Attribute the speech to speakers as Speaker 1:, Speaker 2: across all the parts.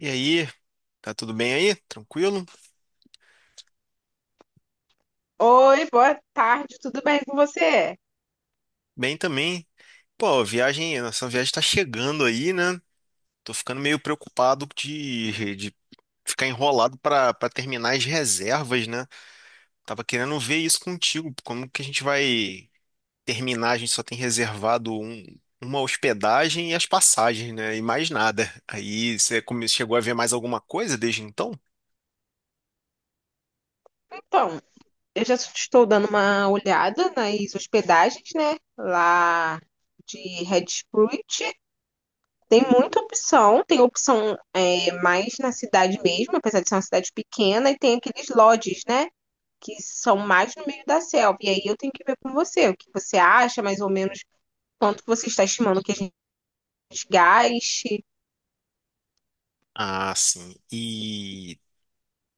Speaker 1: E aí, tá tudo bem aí? Tranquilo?
Speaker 2: Oi, boa tarde, tudo bem com você?
Speaker 1: Bem também. Pô, a viagem, a nossa viagem tá chegando aí, né? Tô ficando meio preocupado de ficar enrolado pra para terminar as reservas, né? Tava querendo ver isso contigo, como que a gente vai terminar? A gente só tem reservado uma hospedagem e as passagens, né? E mais nada. Aí você chegou a ver mais alguma coisa desde então?
Speaker 2: Então, eu já estou dando uma olhada nas hospedagens, né? Lá de Red Sprite. Tem muita opção, tem opção mais na cidade mesmo, apesar de ser uma cidade pequena, e tem aqueles lodges, né? Que são mais no meio da selva. E aí eu tenho que ver com você o que você acha, mais ou menos quanto você está estimando que a gente gaste.
Speaker 1: Ah, sim.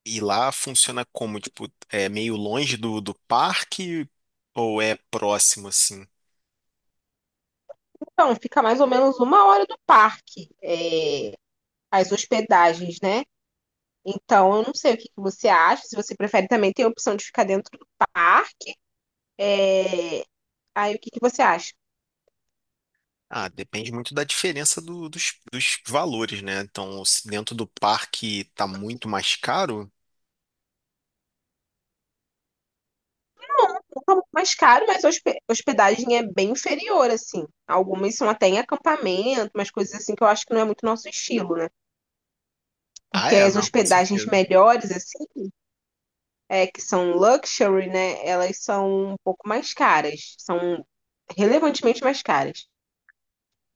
Speaker 1: E lá funciona como? Tipo, é meio longe do parque ou é próximo assim?
Speaker 2: Então, fica mais ou menos uma hora do parque, as hospedagens, né? Então, eu não sei o que que você acha. Se você prefere, também tem a opção de ficar dentro do parque. É, Aí, o que que você acha?
Speaker 1: Ah, depende muito da diferença dos valores, né? Então, se dentro do parque tá muito mais caro.
Speaker 2: Um pouco mais caro, mas a hospedagem é bem inferior, assim. Algumas são até em acampamento, umas coisas assim que eu acho que não é muito nosso estilo, né?
Speaker 1: Ah,
Speaker 2: Porque
Speaker 1: é,
Speaker 2: as
Speaker 1: não, com
Speaker 2: hospedagens
Speaker 1: certeza.
Speaker 2: melhores, assim, que são luxury, né? Elas são um pouco mais caras. São relevantemente mais caras.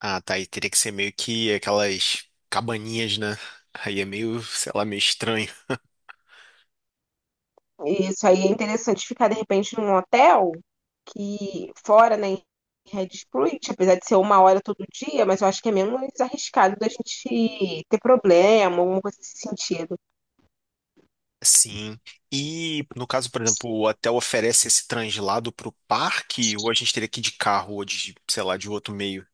Speaker 1: Ah, tá. Aí teria que ser meio que aquelas cabaninhas, né? Aí é meio, sei lá, meio estranho.
Speaker 2: Isso aí é interessante ficar, de repente, num hotel que fora, né, em Red Sprint, apesar de ser uma hora todo dia, mas eu acho que é menos arriscado da gente ter problema, alguma coisa nesse sentido.
Speaker 1: Sim. E no caso, por exemplo, o hotel oferece esse translado para o parque, ou a gente teria que ir de carro ou de, sei lá, de outro meio?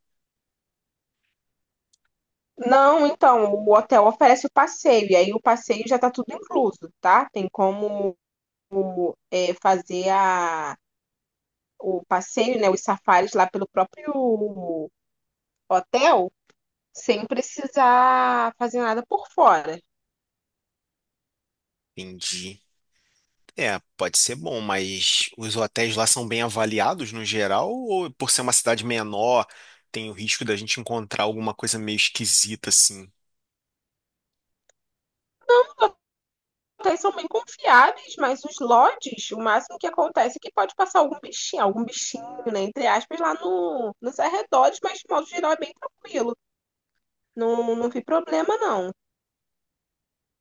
Speaker 2: Não, então, o hotel oferece o passeio, e aí o passeio já está tudo incluso, tá? Tem como fazer o passeio, né, os safaris lá pelo próprio hotel, sem precisar fazer nada por fora.
Speaker 1: Entendi. É, pode ser bom, mas os hotéis lá são bem avaliados no geral, ou por ser uma cidade menor, tem o risco da gente encontrar alguma coisa meio esquisita assim?
Speaker 2: Hotéis são bem confiáveis, mas os lodges, o máximo que acontece é que pode passar algum bichinho, né, entre aspas, lá no, nos arredores, mas de modo geral é bem tranquilo. Não, não vi problema, não.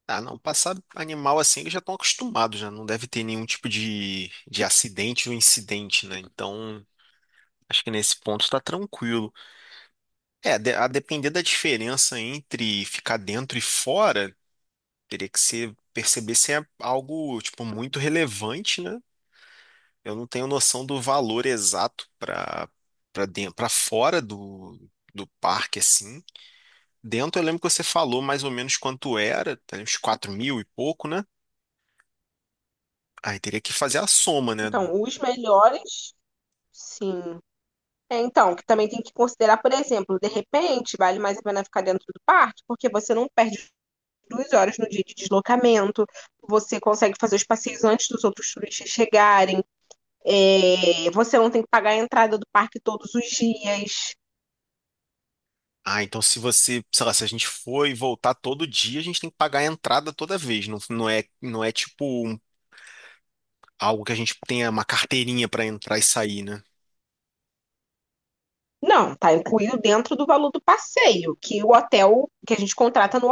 Speaker 1: Ah, não, passar animal assim, eles já estão acostumados, já não deve ter nenhum tipo de acidente ou incidente, né? Então, acho que nesse ponto tá tranquilo. É, a depender da diferença entre ficar dentro e fora, teria que ser, perceber se é algo, tipo, muito relevante, né? Eu não tenho noção do valor exato para dentro, para fora do parque, assim. Dentro, eu lembro que você falou mais ou menos quanto era, tá, uns 4 mil e pouco, né? Aí teria que fazer a soma, né?
Speaker 2: Então, os melhores, sim. É, então, que também tem que considerar, por exemplo, de repente, vale mais a pena ficar dentro do parque, porque você não perde duas horas no dia de deslocamento, você consegue fazer os passeios antes dos outros turistas chegarem, você não tem que pagar a entrada do parque todos os dias.
Speaker 1: Ah, então se você, sei lá, se a gente for e voltar todo dia, a gente tem que pagar a entrada toda vez. Não, não é tipo algo que a gente tenha uma carteirinha pra entrar e sair, né?
Speaker 2: Não, tá incluído dentro do valor do passeio, que a gente contrata no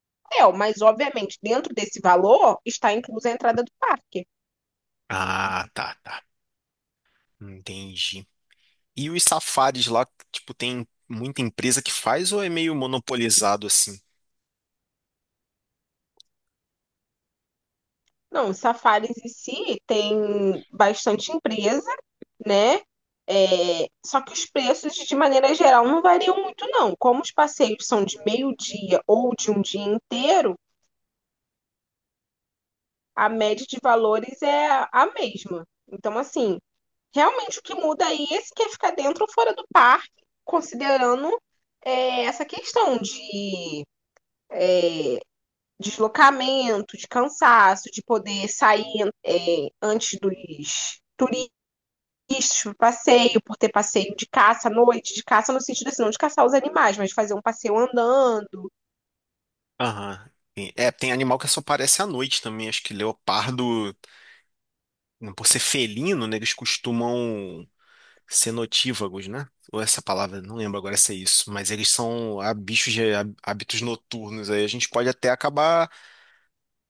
Speaker 2: hotel, mas obviamente dentro desse valor está inclusa a entrada do parque.
Speaker 1: Ah, tá, tá. Entendi. E os safaris lá, tipo, tem muita empresa que faz ou é meio monopolizado assim?
Speaker 2: Não, os safaris em si tem bastante empresa, né? É, só que os preços, de maneira geral, não variam muito, não. Como os passeios são de meio-dia ou de um dia inteiro, a média de valores é a mesma. Então, assim, realmente o que muda aí é se quer ficar dentro ou fora do parque, considerando essa questão de deslocamento, de cansaço, de poder sair antes dos turistas para passeio, por ter passeio de caça à noite, de caça no sentido assim, não de caçar os animais, mas fazer um passeio andando.
Speaker 1: Aham. É, tem animal que só aparece à noite também. Acho que leopardo, por ser felino, né? Eles costumam cenotívagos, né? Ou essa palavra, não lembro agora se é isso, mas eles são bichos de hábitos noturnos. Aí a gente pode até acabar,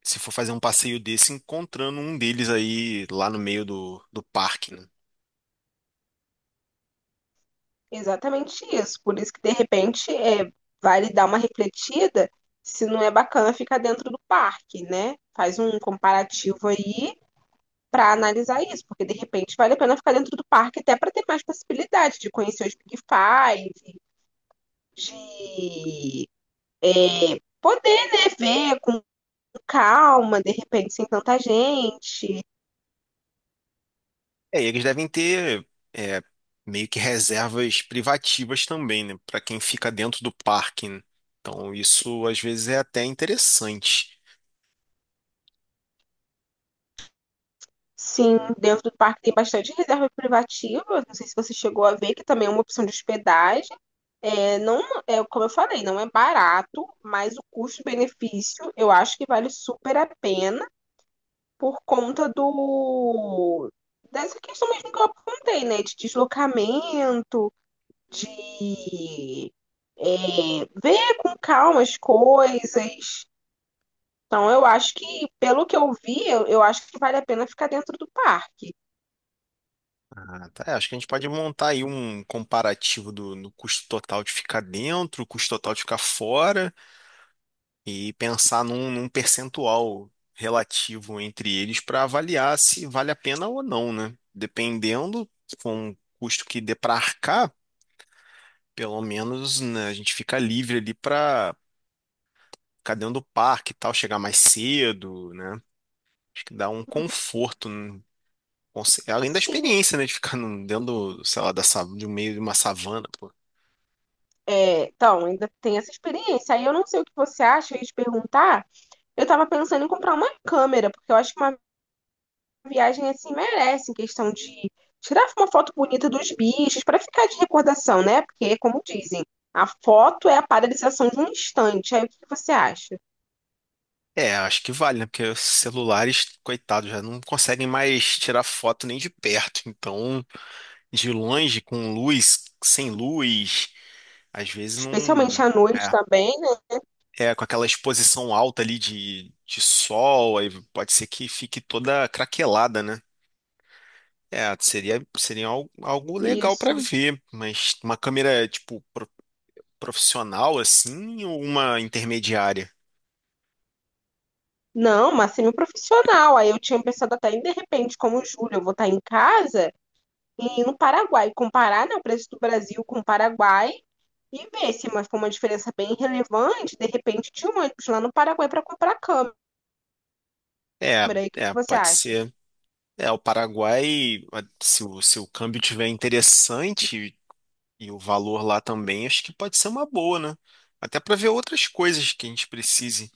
Speaker 1: se for fazer um passeio desse, encontrando um deles aí lá no meio do parque, né?
Speaker 2: Exatamente isso. Por isso que de repente vale dar uma refletida se não é bacana ficar dentro do parque, né? Faz um comparativo aí para analisar isso, porque de repente vale a pena ficar dentro do parque até para ter mais possibilidade de conhecer os Big Five, de poder, né, ver com calma, de repente sem tanta gente.
Speaker 1: É, eles devem ter é, meio que reservas privativas também, né? Para quem fica dentro do parque, né? Então isso às vezes é até interessante.
Speaker 2: Sim, dentro do parque tem bastante reserva privativa. Não sei se você chegou a ver, que também é uma opção de hospedagem. É, não, é, como eu falei, não é barato, mas o custo-benefício eu acho que vale super a pena. Por conta do dessa questão mesmo que eu apontei, né? De deslocamento, de ver com calma as coisas. Então, eu acho que, pelo que eu vi, eu acho que vale a pena ficar dentro do parque.
Speaker 1: Ah, tá. É, acho que a gente pode montar aí um comparativo do custo total de ficar dentro, o custo total de ficar fora. E pensar num percentual relativo entre eles para avaliar se vale a pena ou não, né? Dependendo, se for um custo que dê para arcar, pelo menos, né, a gente fica livre ali para ficar dentro do parque e tal, chegar mais cedo, né? Acho que dá um conforto, né? Além da
Speaker 2: Sim,
Speaker 1: experiência, né, de ficar dentro, do, sei lá, do meio de uma savana, pô.
Speaker 2: é, então, ainda tem essa experiência. Aí eu não sei o que você acha, eu ia te perguntar. Eu tava pensando em comprar uma câmera, porque eu acho que uma viagem assim merece, em questão de tirar uma foto bonita dos bichos, para ficar de recordação, né? Porque, como dizem, a foto é a paralisação de um instante. Aí o que que você acha?
Speaker 1: É, acho que vale, né? Porque os celulares, coitados, já não conseguem mais tirar foto nem de perto. Então, de longe, com luz, sem luz, às vezes
Speaker 2: Especialmente
Speaker 1: não.
Speaker 2: à noite
Speaker 1: É,
Speaker 2: também, né?
Speaker 1: é com aquela exposição alta ali de sol, aí pode ser que fique toda craquelada, né? É, seria algo legal para
Speaker 2: Isso.
Speaker 1: ver, mas uma câmera, tipo, profissional assim, ou uma intermediária?
Speaker 2: Não, mas semi-profissional. Aí eu tinha pensado até em, de repente, como julho, eu vou estar em casa e ir no Paraguai, comparar, né, o preço do Brasil com o Paraguai e ver se mas foi uma diferença bem relevante, de repente, de um ônibus lá no Paraguai para comprar câmera.
Speaker 1: É,
Speaker 2: E o que que você
Speaker 1: pode
Speaker 2: acha?
Speaker 1: ser. É, o Paraguai, se o câmbio tiver interessante. E o valor lá também acho que pode ser uma boa, né? Até para ver outras coisas que a gente precise,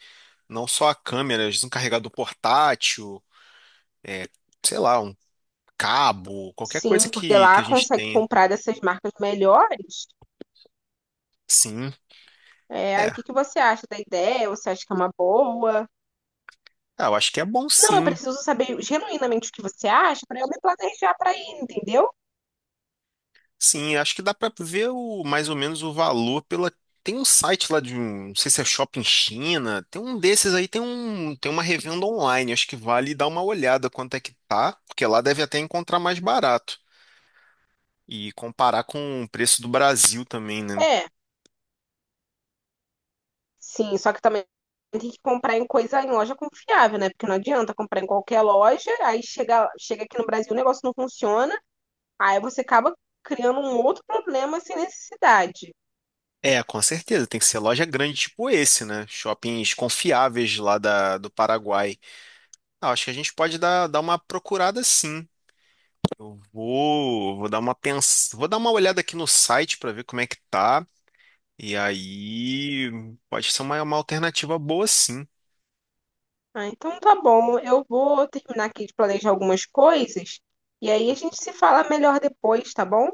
Speaker 1: não só a câmera, às vezes um carregador portátil, é, sei lá, um cabo,
Speaker 2: Sim, porque
Speaker 1: que
Speaker 2: lá
Speaker 1: a gente
Speaker 2: consegue
Speaker 1: tenha.
Speaker 2: comprar dessas marcas melhores.
Speaker 1: Sim,
Speaker 2: É, aí
Speaker 1: é.
Speaker 2: o que que você acha da ideia? Você acha que é uma boa?
Speaker 1: Ah, eu acho que é bom
Speaker 2: Não, eu
Speaker 1: sim.
Speaker 2: preciso saber genuinamente o que você acha para eu me planejar para ir, entendeu?
Speaker 1: Sim, acho que dá para ver o, mais ou menos o valor pela. Tem um site lá de um, não sei se é Shopping China, tem um desses aí, tem uma revenda online, acho que vale dar uma olhada quanto é que tá, porque lá deve até encontrar mais barato. E comparar com o preço do Brasil também, né?
Speaker 2: É, sim, só que também tem que comprar em coisa em loja confiável, né? Porque não adianta comprar em qualquer loja, aí chega aqui no Brasil o negócio não funciona, aí você acaba criando um outro problema sem necessidade.
Speaker 1: É, com certeza, tem que ser loja grande tipo esse, né? Shoppings confiáveis lá do Paraguai. Ah, acho que a gente pode dar uma procurada sim. Vou dar uma vou dar uma olhada aqui no site para ver como é que tá. E aí pode ser uma alternativa boa sim.
Speaker 2: Ah, então tá bom. Eu vou terminar aqui de planejar algumas coisas e aí a gente se fala melhor depois, tá bom?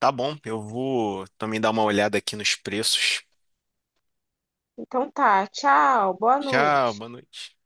Speaker 1: Tá bom, eu vou também dar uma olhada aqui nos preços.
Speaker 2: Então tá. Tchau. Boa
Speaker 1: Tchau,
Speaker 2: noite.
Speaker 1: boa noite.